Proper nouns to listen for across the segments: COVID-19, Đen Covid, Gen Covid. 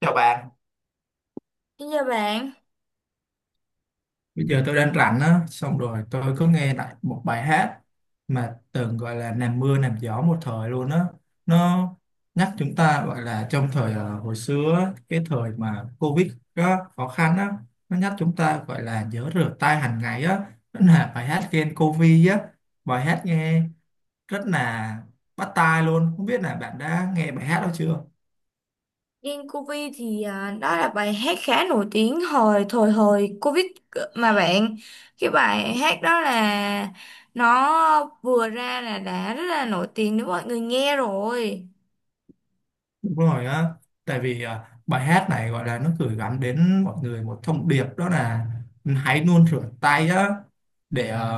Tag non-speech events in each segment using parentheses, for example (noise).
Chào bạn. Xin chào bạn. Bây giờ tôi đang rảnh á, xong rồi tôi có nghe lại một bài hát mà từng gọi là làm mưa làm gió một thời luôn á. Nó nhắc chúng ta gọi là trong thời hồi xưa á, cái thời mà Covid á, khó khăn á, nó nhắc chúng ta gọi là nhớ rửa tay hàng ngày á. Đó là bài hát Gen Covid á, bài hát nghe rất là bắt tai luôn. Không biết là bạn đã nghe bài hát đó chưa? Đen Covid đó là bài hát khá nổi tiếng hồi Covid mà bạn, cái bài hát đó là nó vừa ra là đã rất là nổi tiếng đến mọi người nghe rồi. Đúng rồi á, tại vì bài hát này gọi là nó gửi gắm đến mọi người một thông điệp, đó là hãy luôn rửa tay á để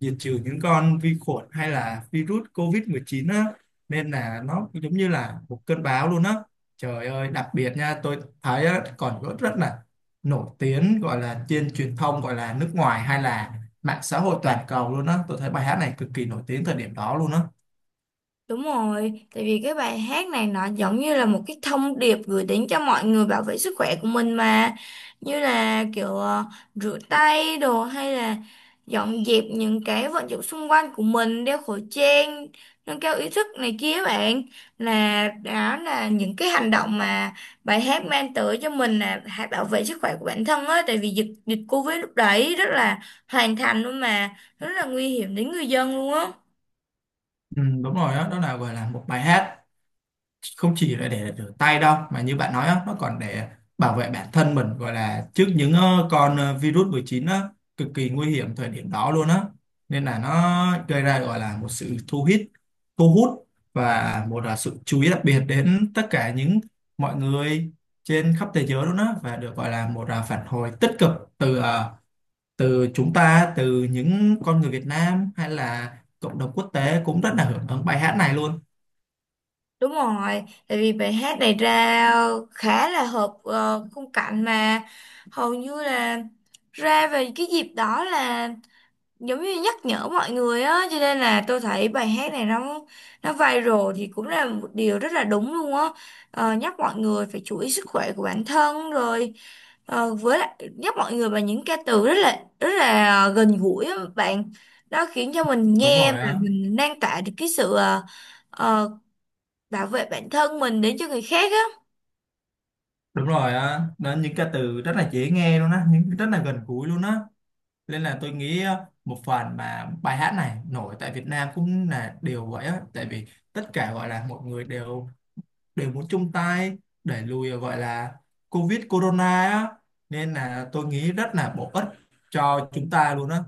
diệt trừ những con vi khuẩn hay là virus COVID-19 á, nên là nó giống như là một cơn bão luôn á. Trời ơi, đặc biệt nha, tôi thấy á, còn rất rất là nổi tiếng gọi là trên truyền thông gọi là nước ngoài hay là mạng xã hội toàn cầu luôn á. Tôi thấy bài hát này cực kỳ nổi tiếng thời điểm đó luôn á. Đúng rồi, tại vì cái bài hát này nó giống như là một cái thông điệp gửi đến cho mọi người bảo vệ sức khỏe của mình mà. Như là kiểu rửa tay đồ hay là dọn dẹp những cái vận dụng xung quanh của mình, đeo khẩu trang, nâng cao ý thức này kia bạn. Là đó là những cái hành động mà bài hát mang tới cho mình là hãy bảo vệ sức khỏe của bản thân á. Tại vì dịch dịch Covid lúc đấy rất là hoàn thành luôn mà, rất là nguy hiểm đến người dân luôn á. Ừ, đúng rồi đó, đó là gọi là một bài hát không chỉ là để rửa tay đâu mà như bạn nói á, nó còn để bảo vệ bản thân mình gọi là trước những con virus 19 á, cực kỳ nguy hiểm thời điểm đó luôn á, nên là nó gây ra gọi là một sự thu hút, thu hút và một là sự chú ý đặc biệt đến tất cả những mọi người trên khắp thế giới luôn á, và được gọi là một là phản hồi tích cực từ từ chúng ta, từ những con người Việt Nam hay là cộng đồng quốc tế cũng rất là hưởng ứng bài hát này luôn. Đúng rồi, tại vì bài hát này ra khá là hợp khung cảnh mà hầu như là ra về cái dịp đó là giống như nhắc nhở mọi người á, cho nên là tôi thấy bài hát này nó viral thì cũng là một điều rất là đúng luôn á. Nhắc mọi người phải chú ý sức khỏe của bản thân rồi, với lại nhắc mọi người bằng những ca từ rất là gần gũi á bạn. Đó khiến cho mình Đúng nghe mà rồi á. mình lan tỏa được cái sự uh, bảo vệ bản thân mình đến cho người khác á. Đúng rồi á, đó những cái từ rất là dễ nghe luôn á, những rất là gần gũi luôn á. Nên là tôi nghĩ một phần mà bài hát này nổi tại Việt Nam cũng là điều vậy á, tại vì tất cả gọi là mọi người đều đều muốn chung tay đẩy lùi gọi là Covid Corona á, nên là tôi nghĩ rất là bổ ích cho chúng ta luôn á.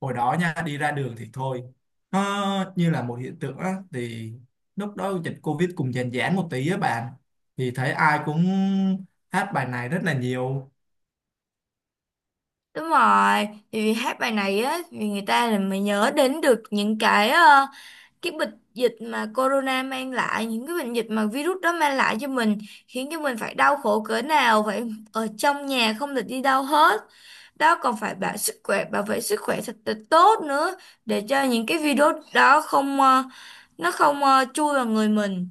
Hồi đó nha, đi ra đường thì thôi, nó như là một hiện tượng á, thì lúc đó dịch Covid cùng dàn giãn một tí á bạn, thì thấy ai cũng hát bài này rất là nhiều. Đúng rồi, thì vì hát bài này á, vì người ta là mới nhớ đến được những cái cái bệnh dịch mà corona mang lại, những cái bệnh dịch mà virus đó mang lại cho mình, khiến cho mình phải đau khổ cỡ nào, phải ở trong nhà không được đi đâu hết. Đó còn phải bảo sức khỏe, bảo vệ sức khỏe thật là tốt nữa, để cho những cái virus đó không, nó không chui vào người mình.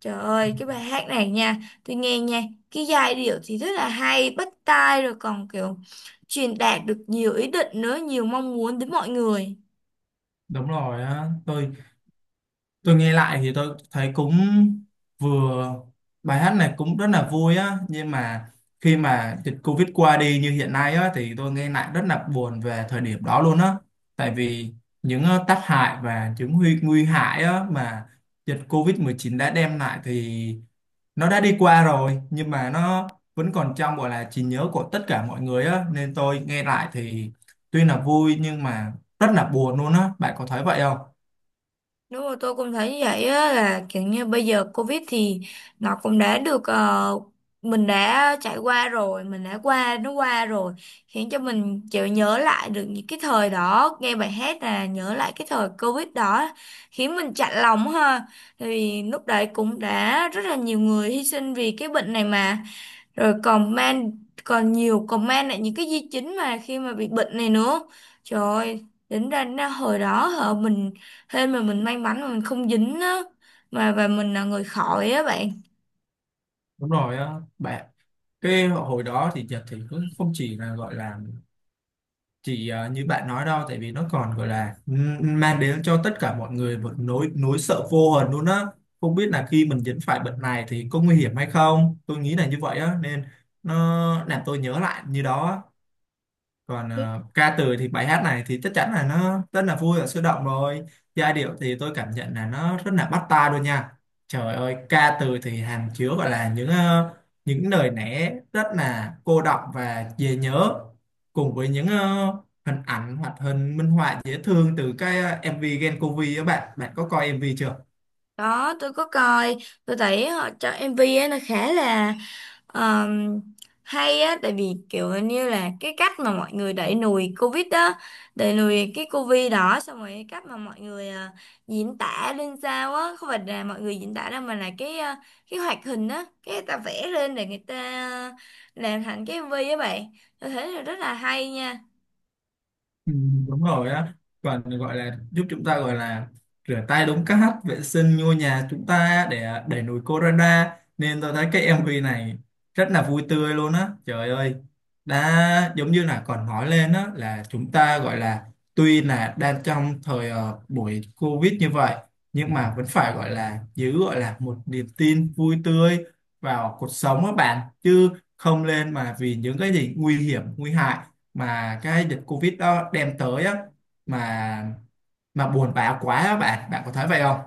Trời ơi, cái bài hát này nha, tôi nghe nha, cái giai điệu thì rất là hay bắt tai rồi, còn kiểu truyền đạt được nhiều ý định nữa, nhiều mong muốn đến mọi người. Đúng rồi á, tôi nghe lại thì tôi thấy cũng vừa, bài hát này cũng rất là vui á, nhưng mà khi mà dịch Covid qua đi như hiện nay á thì tôi nghe lại rất là buồn về thời điểm đó luôn á, tại vì những tác hại và những nguy nguy hại á mà dịch Covid-19 đã đem lại, thì nó đã đi qua rồi nhưng mà nó vẫn còn trong gọi là trí nhớ của tất cả mọi người á, nên tôi nghe lại thì tuy là vui nhưng mà rất là buồn luôn á. Bạn có thấy vậy không? Đúng rồi, tôi cũng thấy như vậy á, là kiểu như bây giờ Covid thì nó cũng đã được mình đã trải qua rồi, mình đã qua, nó qua rồi, khiến cho mình chịu nhớ lại được những cái thời đó, nghe bài hát là nhớ lại cái thời Covid đó, khiến mình chạnh lòng ha. Tại vì lúc đấy cũng đã rất là nhiều người hy sinh vì cái bệnh này mà, rồi comment, còn nhiều comment lại những cái di chứng mà khi mà bị bệnh này nữa. Trời ơi, tính ra nó hồi đó hả, mình hên mà, mình may mắn mà mình không dính á, mà và mình là người khỏi á bạn. Đúng rồi á bạn, cái hồi đó thì Nhật thì cũng không chỉ là gọi là chỉ như bạn nói đâu, tại vì nó còn gọi là mang đến cho tất cả mọi người một nỗi nỗi sợ vô hồn luôn á. Không biết là khi mình dính phải bệnh này thì có nguy hiểm hay không, tôi nghĩ là như vậy á, nên nó làm tôi nhớ lại như đó á. Còn ca từ thì bài hát này thì chắc chắn là nó rất là vui và sôi động rồi, giai điệu thì tôi cảm nhận là nó rất là bắt tai luôn nha. Trời ơi, ca từ thì hàm chứa gọi là những những lời lẽ rất là cô đọng và dễ nhớ, cùng với những hình ảnh hoặc hình minh họa dễ thương từ cái MV Gen Covid. Các bạn, bạn có coi MV chưa? Đó, tôi có coi, tôi thấy họ cho MV ấy nó khá là Ờm, hay á, tại vì kiểu như là cái cách mà mọi người đẩy lùi Covid đó, đẩy lùi cái Covid đó, xong rồi cái cách mà mọi người diễn tả lên sao á, không phải là mọi người diễn tả đâu mà là cái cái hoạt hình á, cái người ta vẽ lên để người ta ờ, làm thành cái MV á bạn. Tôi thấy là rất là hay nha. Ừ, đúng rồi á, còn gọi là giúp chúng ta gọi là rửa tay đúng cách, vệ sinh ngôi nhà chúng ta để đẩy lùi corona, nên tôi thấy cái MV này rất là vui tươi luôn á. Trời ơi, đã giống như là còn nói lên á là chúng ta gọi là tuy là đang trong thời buổi Covid như vậy, nhưng mà vẫn phải gọi là giữ gọi là một niềm tin vui tươi vào cuộc sống các bạn chứ, không lên mà vì những cái gì nguy hiểm nguy hại mà cái dịch Covid đó đem tới á mà mà buồn bã quá á bạn. Bạn có thấy vậy không?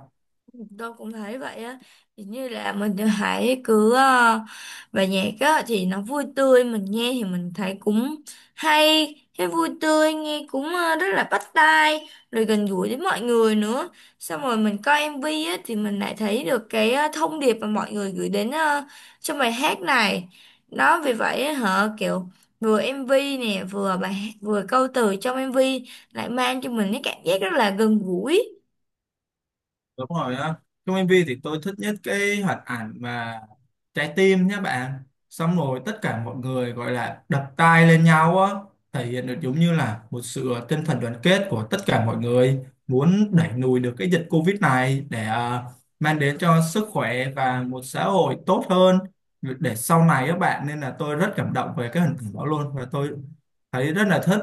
Tôi cũng thấy vậy á. Thì như là mình hãy cứ bài nhạc á thì nó vui tươi, mình nghe thì mình thấy cũng hay, cái vui tươi nghe cũng rất là bắt tai rồi gần gũi với mọi người nữa. Xong rồi mình coi MV á thì mình lại thấy được cái thông điệp mà mọi người gửi đến trong bài hát này đó, vì vậy á, hả kiểu vừa MV nè, vừa vừa câu từ trong MV lại mang cho mình cái cảm giác rất là gần gũi. Đúng rồi á. Trong MV thì tôi thích nhất cái hoạt ảnh mà trái tim nhé bạn. Xong rồi tất cả mọi người gọi là đập tay lên nhau á, thể hiện được giống như là một sự tinh thần đoàn kết của tất cả mọi người muốn đẩy lùi được cái dịch Covid này để mang đến cho sức khỏe và một xã hội tốt hơn để sau này các bạn, nên là tôi rất cảm động về cái hình ảnh đó luôn và tôi thấy rất là thích.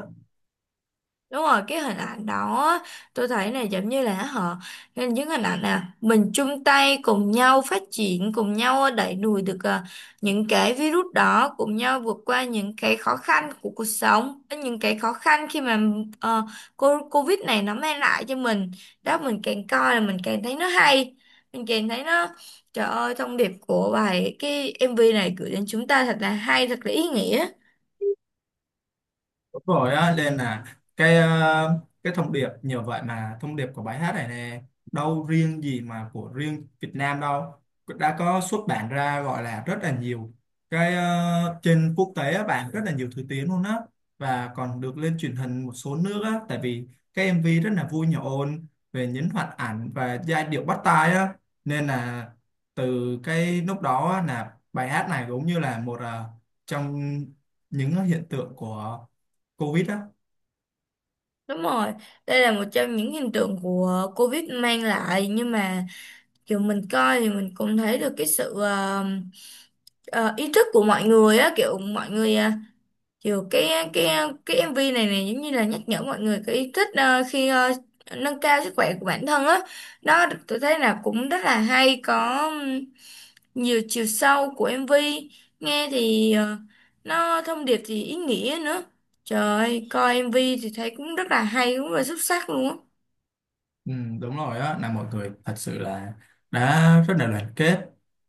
Đúng rồi, cái hình ảnh đó á, tôi thấy này giống như là họ nên những hình ảnh là mình chung tay cùng nhau phát triển, cùng nhau đẩy lùi được những cái virus đó, cùng nhau vượt qua những cái khó khăn của cuộc sống, những cái khó khăn khi mà ờ, cô Covid này nó mang lại cho mình. Đó mình càng coi là mình càng thấy nó hay, mình càng thấy nó, trời ơi, thông điệp của bài cái MV này gửi đến chúng ta thật là hay, thật là ý nghĩa. Đúng rồi á, nên là cái cái thông điệp nhờ vậy mà thông điệp của bài hát này nè, đâu riêng gì mà của riêng Việt Nam đâu, đã có xuất bản ra gọi là rất là nhiều cái trên quốc tế á bạn, rất là nhiều thứ tiếng luôn á, và còn được lên truyền hình một số nước á, tại vì cái MV rất là vui nhộn về nhấn hoạt ảnh và giai điệu bắt tai á, nên là từ cái lúc đó á, là bài hát này cũng như là một trong những hiện tượng của Covid á. Đúng rồi, đây là một trong những hiện tượng của Covid mang lại, nhưng mà kiểu mình coi thì mình cũng thấy được cái sự ờ, ý thức của mọi người á, kiểu mọi người kiểu cái MV này này giống như là nhắc nhở mọi người cái ý thức khi nâng cao sức khỏe của bản thân á đó. Tôi thấy là cũng rất là hay, có nhiều chiều sâu của MV. Nghe thì nó thông điệp thì ý nghĩa nữa. Trời ơi, coi MV thì thấy cũng rất là hay, cũng rất là xuất sắc luôn á. Ừ, đúng rồi á, là mọi người thật sự là đã rất là đoàn kết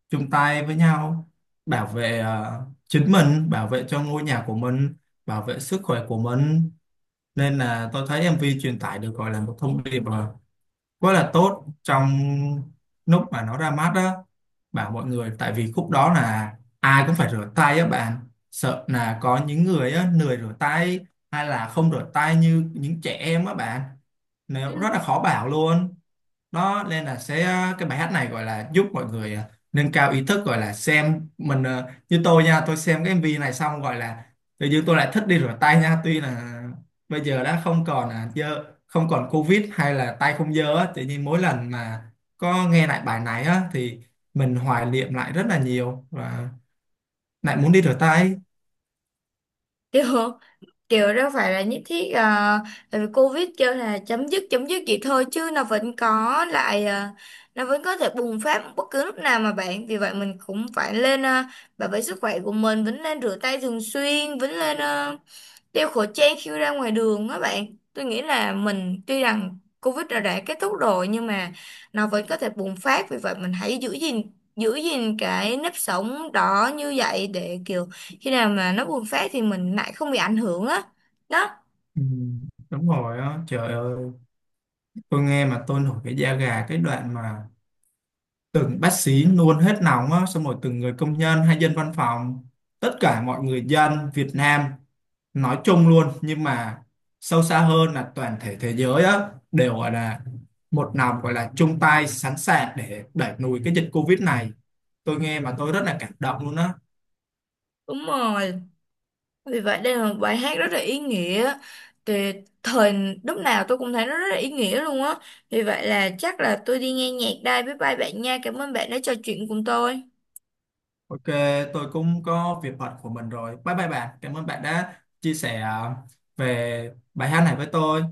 chung tay với nhau, bảo vệ chính mình, bảo vệ cho ngôi nhà của mình, bảo vệ sức khỏe của mình, nên là tôi thấy em MV truyền tải được gọi là một thông điệp quá là tốt trong lúc mà nó ra mắt đó, bảo mọi người tại vì khúc đó là ai cũng phải rửa tay á bạn, sợ là có những người á lười rửa tay hay là không rửa tay như những trẻ em á bạn, nếu Ừ. rất là khó bảo luôn. Nó nên là sẽ cái bài hát này gọi là giúp mọi người nâng cao ý thức, gọi là xem mình như tôi nha, tôi xem cái MV này xong gọi là tự nhiên tôi lại thích đi rửa tay nha, tuy là bây giờ đã không còn dơ, không còn Covid hay là tay không dơ á, tự nhiên mỗi lần mà có nghe lại bài này á thì mình hoài niệm lại rất là nhiều và lại muốn đi rửa tay. (laughs) kiểu kiểu đâu phải là nhất thiết, tại vì Covid kêu là chấm dứt vậy thôi chứ nó vẫn có lại, nó vẫn có thể bùng phát bất cứ lúc nào mà bạn. Vì vậy mình cũng phải lên, bảo vệ sức khỏe của mình, vẫn nên rửa tay thường xuyên, vẫn lên đeo khẩu trang khi ra ngoài đường á bạn. Tôi nghĩ là mình tuy rằng Covid đã kết thúc rồi nhưng mà nó vẫn có thể bùng phát, vì vậy mình hãy giữ gìn cái nếp sống đó như vậy để kiểu khi nào mà nó bùng phát thì mình lại không bị ảnh hưởng á đó. Ừ, đúng rồi á, trời ơi, tôi nghe mà tôi nổi cái da gà cái đoạn mà từng bác sĩ luôn hết nóng á, xong rồi từng người công nhân hay dân văn phòng, tất cả mọi người dân Việt Nam nói chung luôn, nhưng mà sâu xa hơn là toàn thể thế giới á, đều gọi là một lòng gọi là chung tay sẵn sàng để đẩy lùi cái dịch Covid này, tôi nghe mà tôi rất là cảm động luôn á. Đúng rồi, vì vậy đây là một bài hát rất là ý nghĩa. Thì thời lúc nào tôi cũng thấy nó rất là ý nghĩa luôn á. Vì vậy là chắc là tôi đi nghe nhạc đây, bye bye bạn nha, cảm ơn bạn đã trò chuyện cùng tôi. Ok, tôi cũng có việc bận của mình rồi, bye bye bạn, cảm ơn bạn đã chia sẻ về bài hát này với tôi.